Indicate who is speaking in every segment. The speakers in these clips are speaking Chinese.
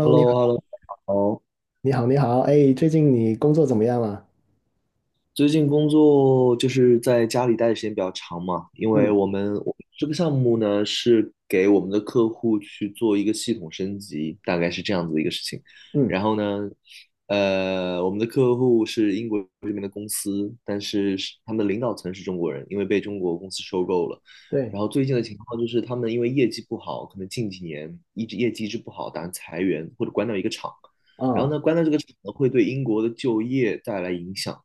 Speaker 1: h e l l o
Speaker 2: 你
Speaker 1: h e l
Speaker 2: 好，
Speaker 1: l o 好，
Speaker 2: 你好，你好，哎，最近你工作怎么样啊？
Speaker 1: 最近工作就是在家里待的时间比较长嘛，因为
Speaker 2: 嗯
Speaker 1: 我们这个项目呢是给我们的客户去做一个系统升级，大概是这样子的一个事情。
Speaker 2: 嗯，
Speaker 1: 然后呢，我们的客户是英国这边的公司，但是是他们的领导层是中国人，因为被中国公司收购了。
Speaker 2: 对，
Speaker 1: 然后最近的情况就是他们因为业绩不好，可能近几年一直业绩一直不好，打算裁员或者关掉一个厂。然后
Speaker 2: 啊，
Speaker 1: 呢，关掉这个厂呢，会对英国的就业带来影响。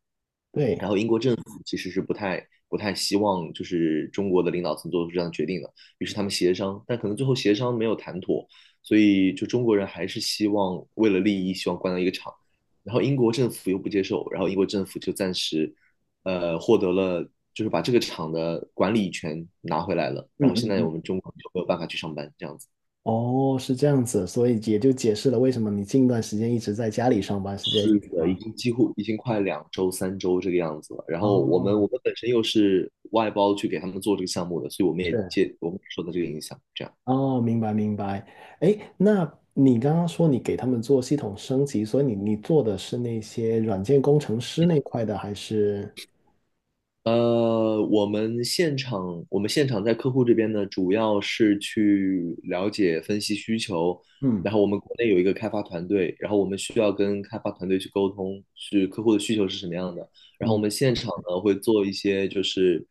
Speaker 2: 对，
Speaker 1: 然后英国政府其实是不太希望就是中国的领导层做出这样的决定的，于是他们协商，但可能最后协商没有谈妥，所以就中国人还是希望为了利益希望关掉一个厂，然后英国政府又不接受，然后英国政府就暂时获得了就是把这个厂的管理权拿回来了，
Speaker 2: 嗯
Speaker 1: 然后现
Speaker 2: 嗯
Speaker 1: 在
Speaker 2: 嗯，
Speaker 1: 我们中国就没有办法去上班这样子。
Speaker 2: 哦，是这样子，所以也就解释了为什么你近段时间一直在家里上班是这个
Speaker 1: 是
Speaker 2: 意思
Speaker 1: 的，已
Speaker 2: 吗？
Speaker 1: 经几乎已经快两周、三周这个样子了。然后我们
Speaker 2: 哦，
Speaker 1: 我们本身又是外包去给他们做这个项目的，所以
Speaker 2: 是，
Speaker 1: 我们也受到这个影响。这样。
Speaker 2: 哦，明白明白。哎，那你刚刚说你给他们做系统升级，所以你做的是那些软件工程师那块的，还是？
Speaker 1: 我们现场在客户这边呢，主要是去了解、分析需求，
Speaker 2: 嗯
Speaker 1: 然后我们国内有一个开发团队，然后我们需要跟开发团队去沟通，是客户的需求是什么样的，然后我
Speaker 2: 嗯，
Speaker 1: 们现场呢会做一些就是，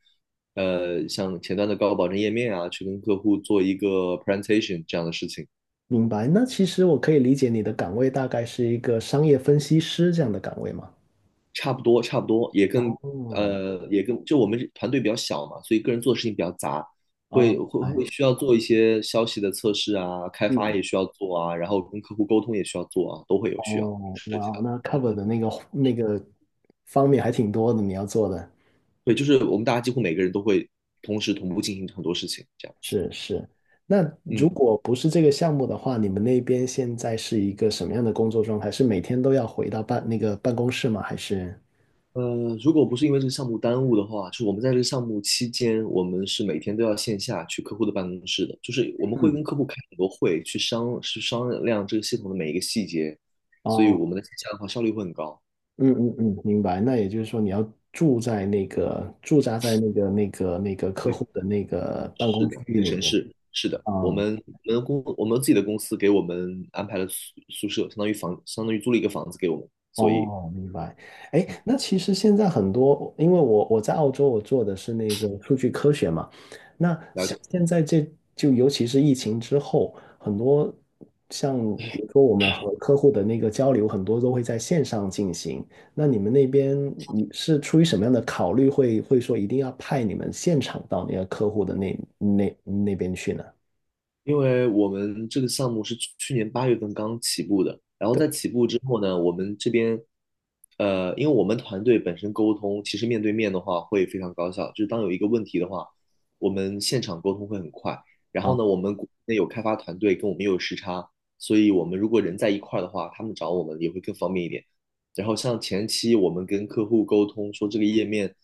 Speaker 1: 像前端的高保证页面啊，去跟客户做一个 presentation 这样的事情。
Speaker 2: 明白。那其实我可以理解你的岗位大概是一个商业分析师这样的岗位吗？
Speaker 1: 差不多，差不多，也跟
Speaker 2: 哦，
Speaker 1: 就我们团队比较小嘛，所以个人做的事情比较杂，会
Speaker 2: 哦，
Speaker 1: 会
Speaker 2: 哎，
Speaker 1: 会需要做一些消息的测试啊，开发
Speaker 2: 嗯，
Speaker 1: 也需要做啊，然后跟客户沟通也需要做啊，都会有需要
Speaker 2: 哦，
Speaker 1: 涉
Speaker 2: 哇
Speaker 1: 及
Speaker 2: 哦，
Speaker 1: 到。
Speaker 2: 那 cover 的那个方面还挺多的，你要做的，
Speaker 1: 对，就是我们大家几乎每个人都会同时同步进行很多事情，这样子。
Speaker 2: 是是。那如
Speaker 1: 嗯。
Speaker 2: 果不是这个项目的话，你们那边现在是一个什么样的工作状态？是每天都要回到那个办公室吗？还是？
Speaker 1: 如果不是因为这个项目耽误的话，就是我们在这个项目期间，我们是每天都要线下去客户的办公室的，就是我们会
Speaker 2: 嗯，
Speaker 1: 跟客户开很多会，去商量这个系统的每一个细节，所以
Speaker 2: 哦，
Speaker 1: 我们的线下的话效率会很高。
Speaker 2: 嗯嗯嗯，明白。那也就是说，你要住在那个驻扎在那个客
Speaker 1: 对，
Speaker 2: 户的那个办
Speaker 1: 是
Speaker 2: 公区
Speaker 1: 的，
Speaker 2: 域
Speaker 1: 那个
Speaker 2: 里
Speaker 1: 城
Speaker 2: 面。
Speaker 1: 市是的，
Speaker 2: 啊，
Speaker 1: 我们自己的公司给我们安排了宿舍，相当于租了一个房子给我们，所以。
Speaker 2: 哦，明白。哎，那其实现在很多，因为我在澳洲，我做的是那个数据科学嘛。那
Speaker 1: 了
Speaker 2: 像
Speaker 1: 解。
Speaker 2: 现在这就尤其是疫情之后，很多像比如说我们和客户的那个交流，很多都会在线上进行。那你们那边你是出于什么样的考虑会说一定要派你们现场到那个客户的那边去呢？
Speaker 1: 因为我们这个项目是去年八月份刚起步的，然后在
Speaker 2: 对，
Speaker 1: 起步之后呢，我们这边，因为我们团队本身沟通，其实面对面的话会非常高效，就是当有一个问题的话，我们现场沟通会很快。然后呢，
Speaker 2: 啊。
Speaker 1: 我们国内有开发团队跟我们也有时差，所以我们如果人在一块儿的话，他们找我们也会更方便一点。然后像前期我们跟客户沟通说这个页面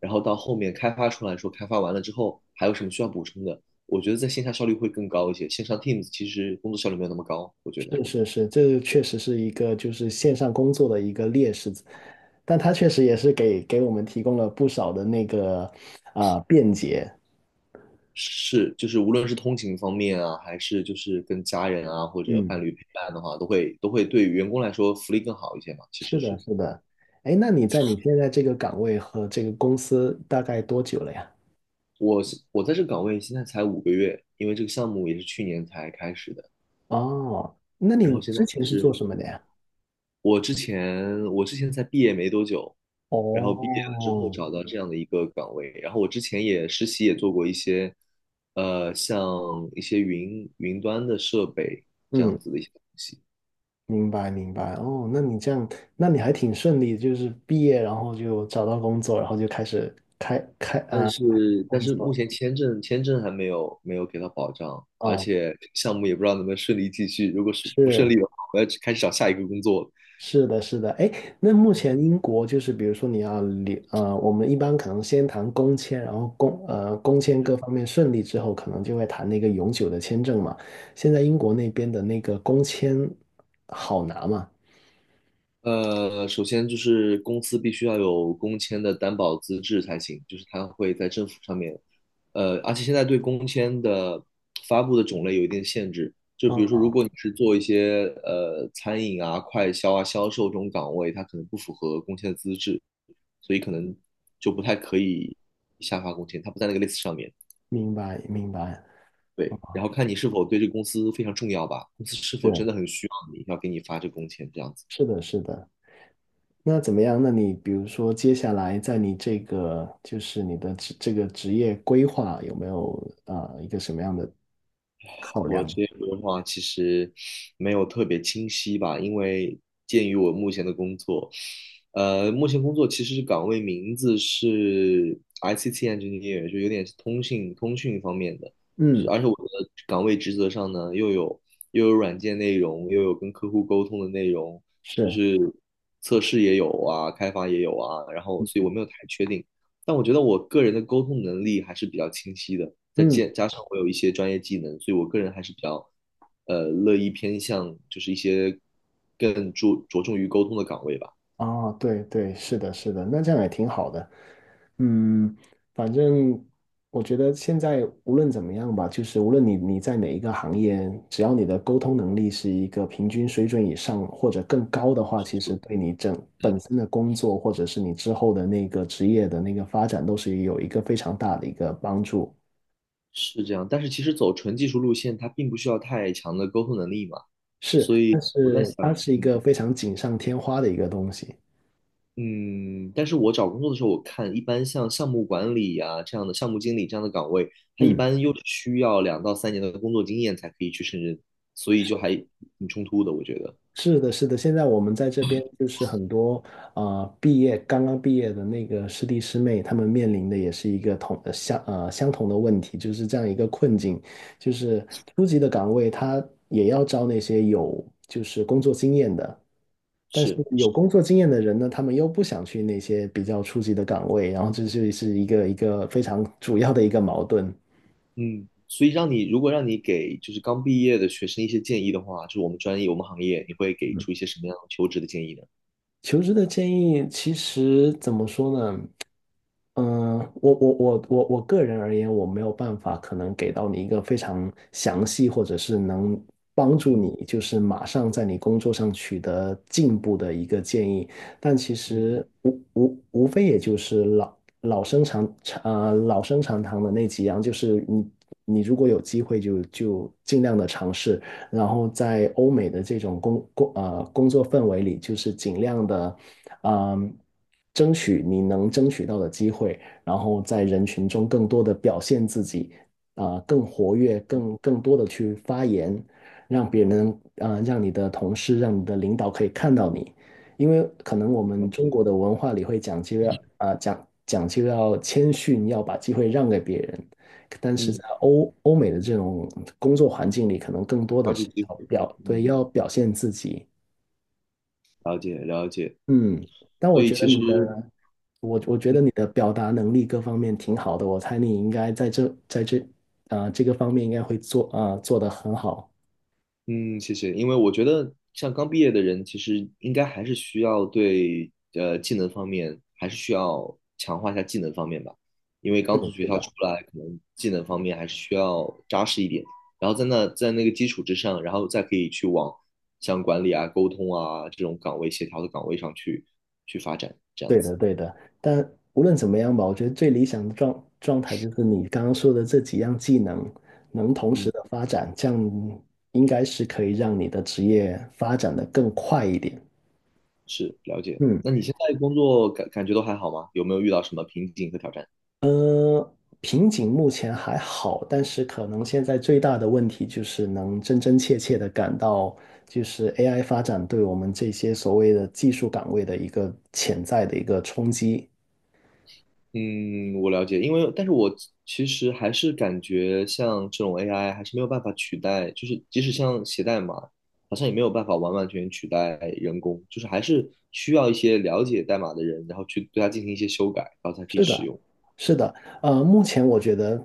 Speaker 1: 然后到后面开发出来说，开发完了之后还有什么需要补充的，我觉得在线下效率会更高一些。线上 Teams 其实工作效率没有那么高，我觉得
Speaker 2: 是是是，这个确实是一个就是线上工作的一个劣势，但它确实也是给我们提供了不少的那个啊、便捷。
Speaker 1: 是就是无论是通勤方面啊，还是就是跟家人啊或者伴
Speaker 2: 嗯，
Speaker 1: 侣陪伴的话，都会对员工来说福利更好一些嘛。其
Speaker 2: 是
Speaker 1: 实
Speaker 2: 的，
Speaker 1: 是
Speaker 2: 是的。哎，那你在你现在这个岗位和这个公司大概多久了呀？
Speaker 1: 我我在这个岗位现在才5个月，因为这个项目也是去年才开始的，
Speaker 2: 哦，那
Speaker 1: 然
Speaker 2: 你
Speaker 1: 后现在
Speaker 2: 之前
Speaker 1: 就
Speaker 2: 是做
Speaker 1: 是
Speaker 2: 什么的呀？
Speaker 1: 我之前才毕业没多久，然后毕业了之后
Speaker 2: 哦，
Speaker 1: 找到这样的一个岗位，然后我之前也实习也做过一些，像一些云端的设备这
Speaker 2: 嗯，
Speaker 1: 样子的一些东西，
Speaker 2: 明白明白。哦，那你这样，那你还挺顺利，就是毕业然后就找到工作，然后就开始开开
Speaker 1: 但
Speaker 2: 啊、
Speaker 1: 是但
Speaker 2: 工
Speaker 1: 是目
Speaker 2: 作。
Speaker 1: 前签证还没有给到保障，而
Speaker 2: 哦，
Speaker 1: 且项目也不知道能不能顺利继续，如果是不顺
Speaker 2: 是。
Speaker 1: 利的话，我要去开始找下一个工作了
Speaker 2: 是的，是的，哎，那目前英国就是，比如说你要留，我们一般可能先谈工签，然后工签各方面顺利之后，可能就会谈那个永久的签证嘛。现在英国那边的那个工签好拿嘛？
Speaker 1: 首先就是公司必须要有工签的担保资质才行，就是它会在政府上面，而且现在对工签的发布的种类有一定限制，就比如说，
Speaker 2: 嗯，
Speaker 1: 如果你是做一些餐饮啊、快销啊、销售这种岗位，它可能不符合工签的资质，所以可能就不太可以下发工签，它不在那个 list 上面。
Speaker 2: 明白，明白。
Speaker 1: 对，然后看你是否对这个公司非常重要吧，公司是否真
Speaker 2: 是，
Speaker 1: 的很需要你，要给你发这个工签这样子。
Speaker 2: 是的，是的。那怎么样？那你比如说，接下来在你这个就是你的职这个职业规划有没有啊、一个什么样的？
Speaker 1: 我职业规划其实没有特别清晰吧，因为鉴于我目前的工作，目前工作其实是岗位名字是 ICT engineer，就有点是通信通讯方面的，就是
Speaker 2: 嗯，
Speaker 1: 而且我的岗位职责上呢，又有软件内容，又有跟客户沟通的内容，就
Speaker 2: 是，
Speaker 1: 是测试也有啊，开发也有啊，然后所以我没有太确定。但我觉得我个人的沟通能力还是比较清晰的，
Speaker 2: 嗯。
Speaker 1: 加上我有一些专业技能，所以我个人还是比较，乐意偏向就是一些更注着重于沟通的岗位吧，
Speaker 2: 哦，对对，是的，是的，那这样也挺好的。嗯，反正我觉得现在无论怎么样吧，就是无论你在哪一个行业，只要你的沟通能力是一个平均水准以上或者更高的话，其实对你本身的工作或者是你之后的那个职业的那个发展都是有一个非常大的一个帮助。
Speaker 1: 是这样。但是其实走纯技术路线，它并不需要太强的沟通能力嘛，
Speaker 2: 是，
Speaker 1: 所
Speaker 2: 但
Speaker 1: 以我在
Speaker 2: 是
Speaker 1: 想，
Speaker 2: 它是一个非常锦上添花的一个东西。
Speaker 1: 嗯，但是我找工作的时候，我看一般像项目管理呀、这样的项目经理这样的岗位，它一
Speaker 2: 嗯。
Speaker 1: 般又是需要2到3年的工作经验才可以去胜任，所以就还挺冲突的，我觉得。
Speaker 2: 是的，是的，现在我们在这边就是很多啊，刚刚毕业的那个师弟师妹，他们面临的也是一个相同的问题，就是这样一个困境，就是初级的岗位他也要招那些有就是工作经验的，但是
Speaker 1: 是
Speaker 2: 有
Speaker 1: 是，
Speaker 2: 工作经验的人呢，他们又不想去那些比较初级的岗位，然后这就是一个非常主要的一个矛盾。
Speaker 1: 嗯，所以如果让你给就是刚毕业的学生一些建议的话，就是我们专业我们行业，你会给出一些什么样的求职的建议呢？
Speaker 2: 求职的建议其实怎么说呢？嗯，我个人而言，我没有办法可能给到你一个非常详细，或者是能帮助
Speaker 1: 嗯
Speaker 2: 你，就是马上在你工作上取得进步的一个建议。但其
Speaker 1: 嗯，
Speaker 2: 实无非也就是老生常谈的那几样，就是你如果有机会就尽量的尝试，然后在欧美的这种工作氛围里，就是尽量的。嗯，争取你能争取到的机会，然后在人群中更多的表现自己，啊、更活跃，更多的去发言，让别人，啊、让你的同事，让你的领导可以看到你，因为可能我
Speaker 1: 了
Speaker 2: 们中
Speaker 1: 解，
Speaker 2: 国的文化里会讲究要，啊、讲究要谦逊，要把机会让给别人，但是
Speaker 1: 嗯，
Speaker 2: 在欧美的这种工作环境里，可能更多的
Speaker 1: 抓住
Speaker 2: 是
Speaker 1: 机会，
Speaker 2: 对，
Speaker 1: 嗯，
Speaker 2: 要表现自己，
Speaker 1: 了解了解。
Speaker 2: 嗯。但
Speaker 1: 所
Speaker 2: 我
Speaker 1: 以
Speaker 2: 觉得
Speaker 1: 其实
Speaker 2: 你的我我觉得你的表达能力各方面挺好的，我猜你应该在这啊、这个方面应该会做得很好。
Speaker 1: 嗯，谢谢。因为我觉得，像刚毕业的人，其实应该还是需要对技能方面，还是需要强化一下技能方面吧。因为
Speaker 2: 是
Speaker 1: 刚从
Speaker 2: 的，
Speaker 1: 学
Speaker 2: 是
Speaker 1: 校
Speaker 2: 的，
Speaker 1: 出来，可能技能方面还是需要扎实一点。然后在那个基础之上，然后再可以去往像管理啊、沟通啊这种岗位、协调的岗位上去发展，这样
Speaker 2: 对
Speaker 1: 子。
Speaker 2: 的对的。但无论怎么样吧，我觉得最理想的状态就是你刚刚说的这几样技能能同时
Speaker 1: 嗯，
Speaker 2: 的发展，这样应该是可以让你的职业发展的更快一点。
Speaker 1: 是了解。
Speaker 2: 嗯。
Speaker 1: 那你现在工作感觉都还好吗？有没有遇到什么瓶颈和挑战？
Speaker 2: 呃，瓶颈目前还好，但是可能现在最大的问题就是能真真切切的感到，就是 AI 发展对我们这些所谓的技术岗位的一个潜在的一个冲击。
Speaker 1: 嗯，我了解，因为但是我其实还是感觉像这种 AI 还是没有办法取代，就是即使像写代码，好像也没有办法完完全全取代人工，就是还是需要一些了解代码的人，然后去对它进行一些修改，然后才可以
Speaker 2: 是
Speaker 1: 使
Speaker 2: 的，
Speaker 1: 用。
Speaker 2: 是的，目前我觉得，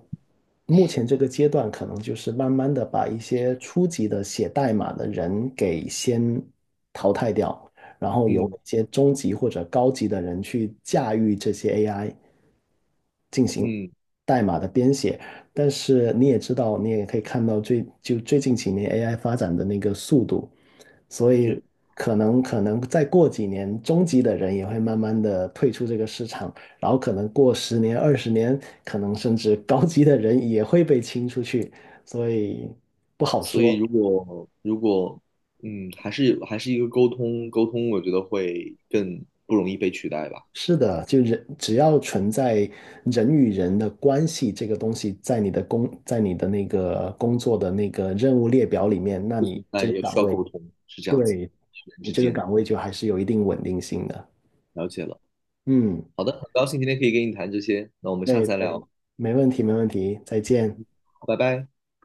Speaker 2: 目前这个阶段可能就是慢慢的把一些初级的写代码的人给先淘汰掉，然后由
Speaker 1: 嗯
Speaker 2: 一些中级或者高级的人去驾驭这些 AI 进行
Speaker 1: 嗯，
Speaker 2: 代码的编写。但是你也知道，你也可以看到最就最近几年 AI 发展的那个速度，所以
Speaker 1: 是，
Speaker 2: 可能再过几年，中级的人也会慢慢的退出这个市场。然后可能过十年、20年，可能甚至高级的人也会被清出去，所以不好
Speaker 1: 所以
Speaker 2: 说。
Speaker 1: 如果嗯，还是一个沟通，我觉得会更不容易被取代吧，
Speaker 2: 是的，就人只要存在人与人的关系这个东西，在你的工，在你的那个工作的那个任务列表里面，那
Speaker 1: 不
Speaker 2: 你
Speaker 1: 存
Speaker 2: 这
Speaker 1: 在
Speaker 2: 个
Speaker 1: 也需
Speaker 2: 岗
Speaker 1: 要
Speaker 2: 位，
Speaker 1: 沟通，是这样子，
Speaker 2: 对，
Speaker 1: 人
Speaker 2: 你
Speaker 1: 之
Speaker 2: 这个
Speaker 1: 间，
Speaker 2: 岗
Speaker 1: 嗯，
Speaker 2: 位就还是有一定稳定性的。
Speaker 1: 了解了。
Speaker 2: 嗯，
Speaker 1: 好的，很高兴今天可以跟你谈这些，那我们下
Speaker 2: 对
Speaker 1: 次再
Speaker 2: 对，
Speaker 1: 聊，
Speaker 2: 没问题，没问题，再见。
Speaker 1: 拜拜。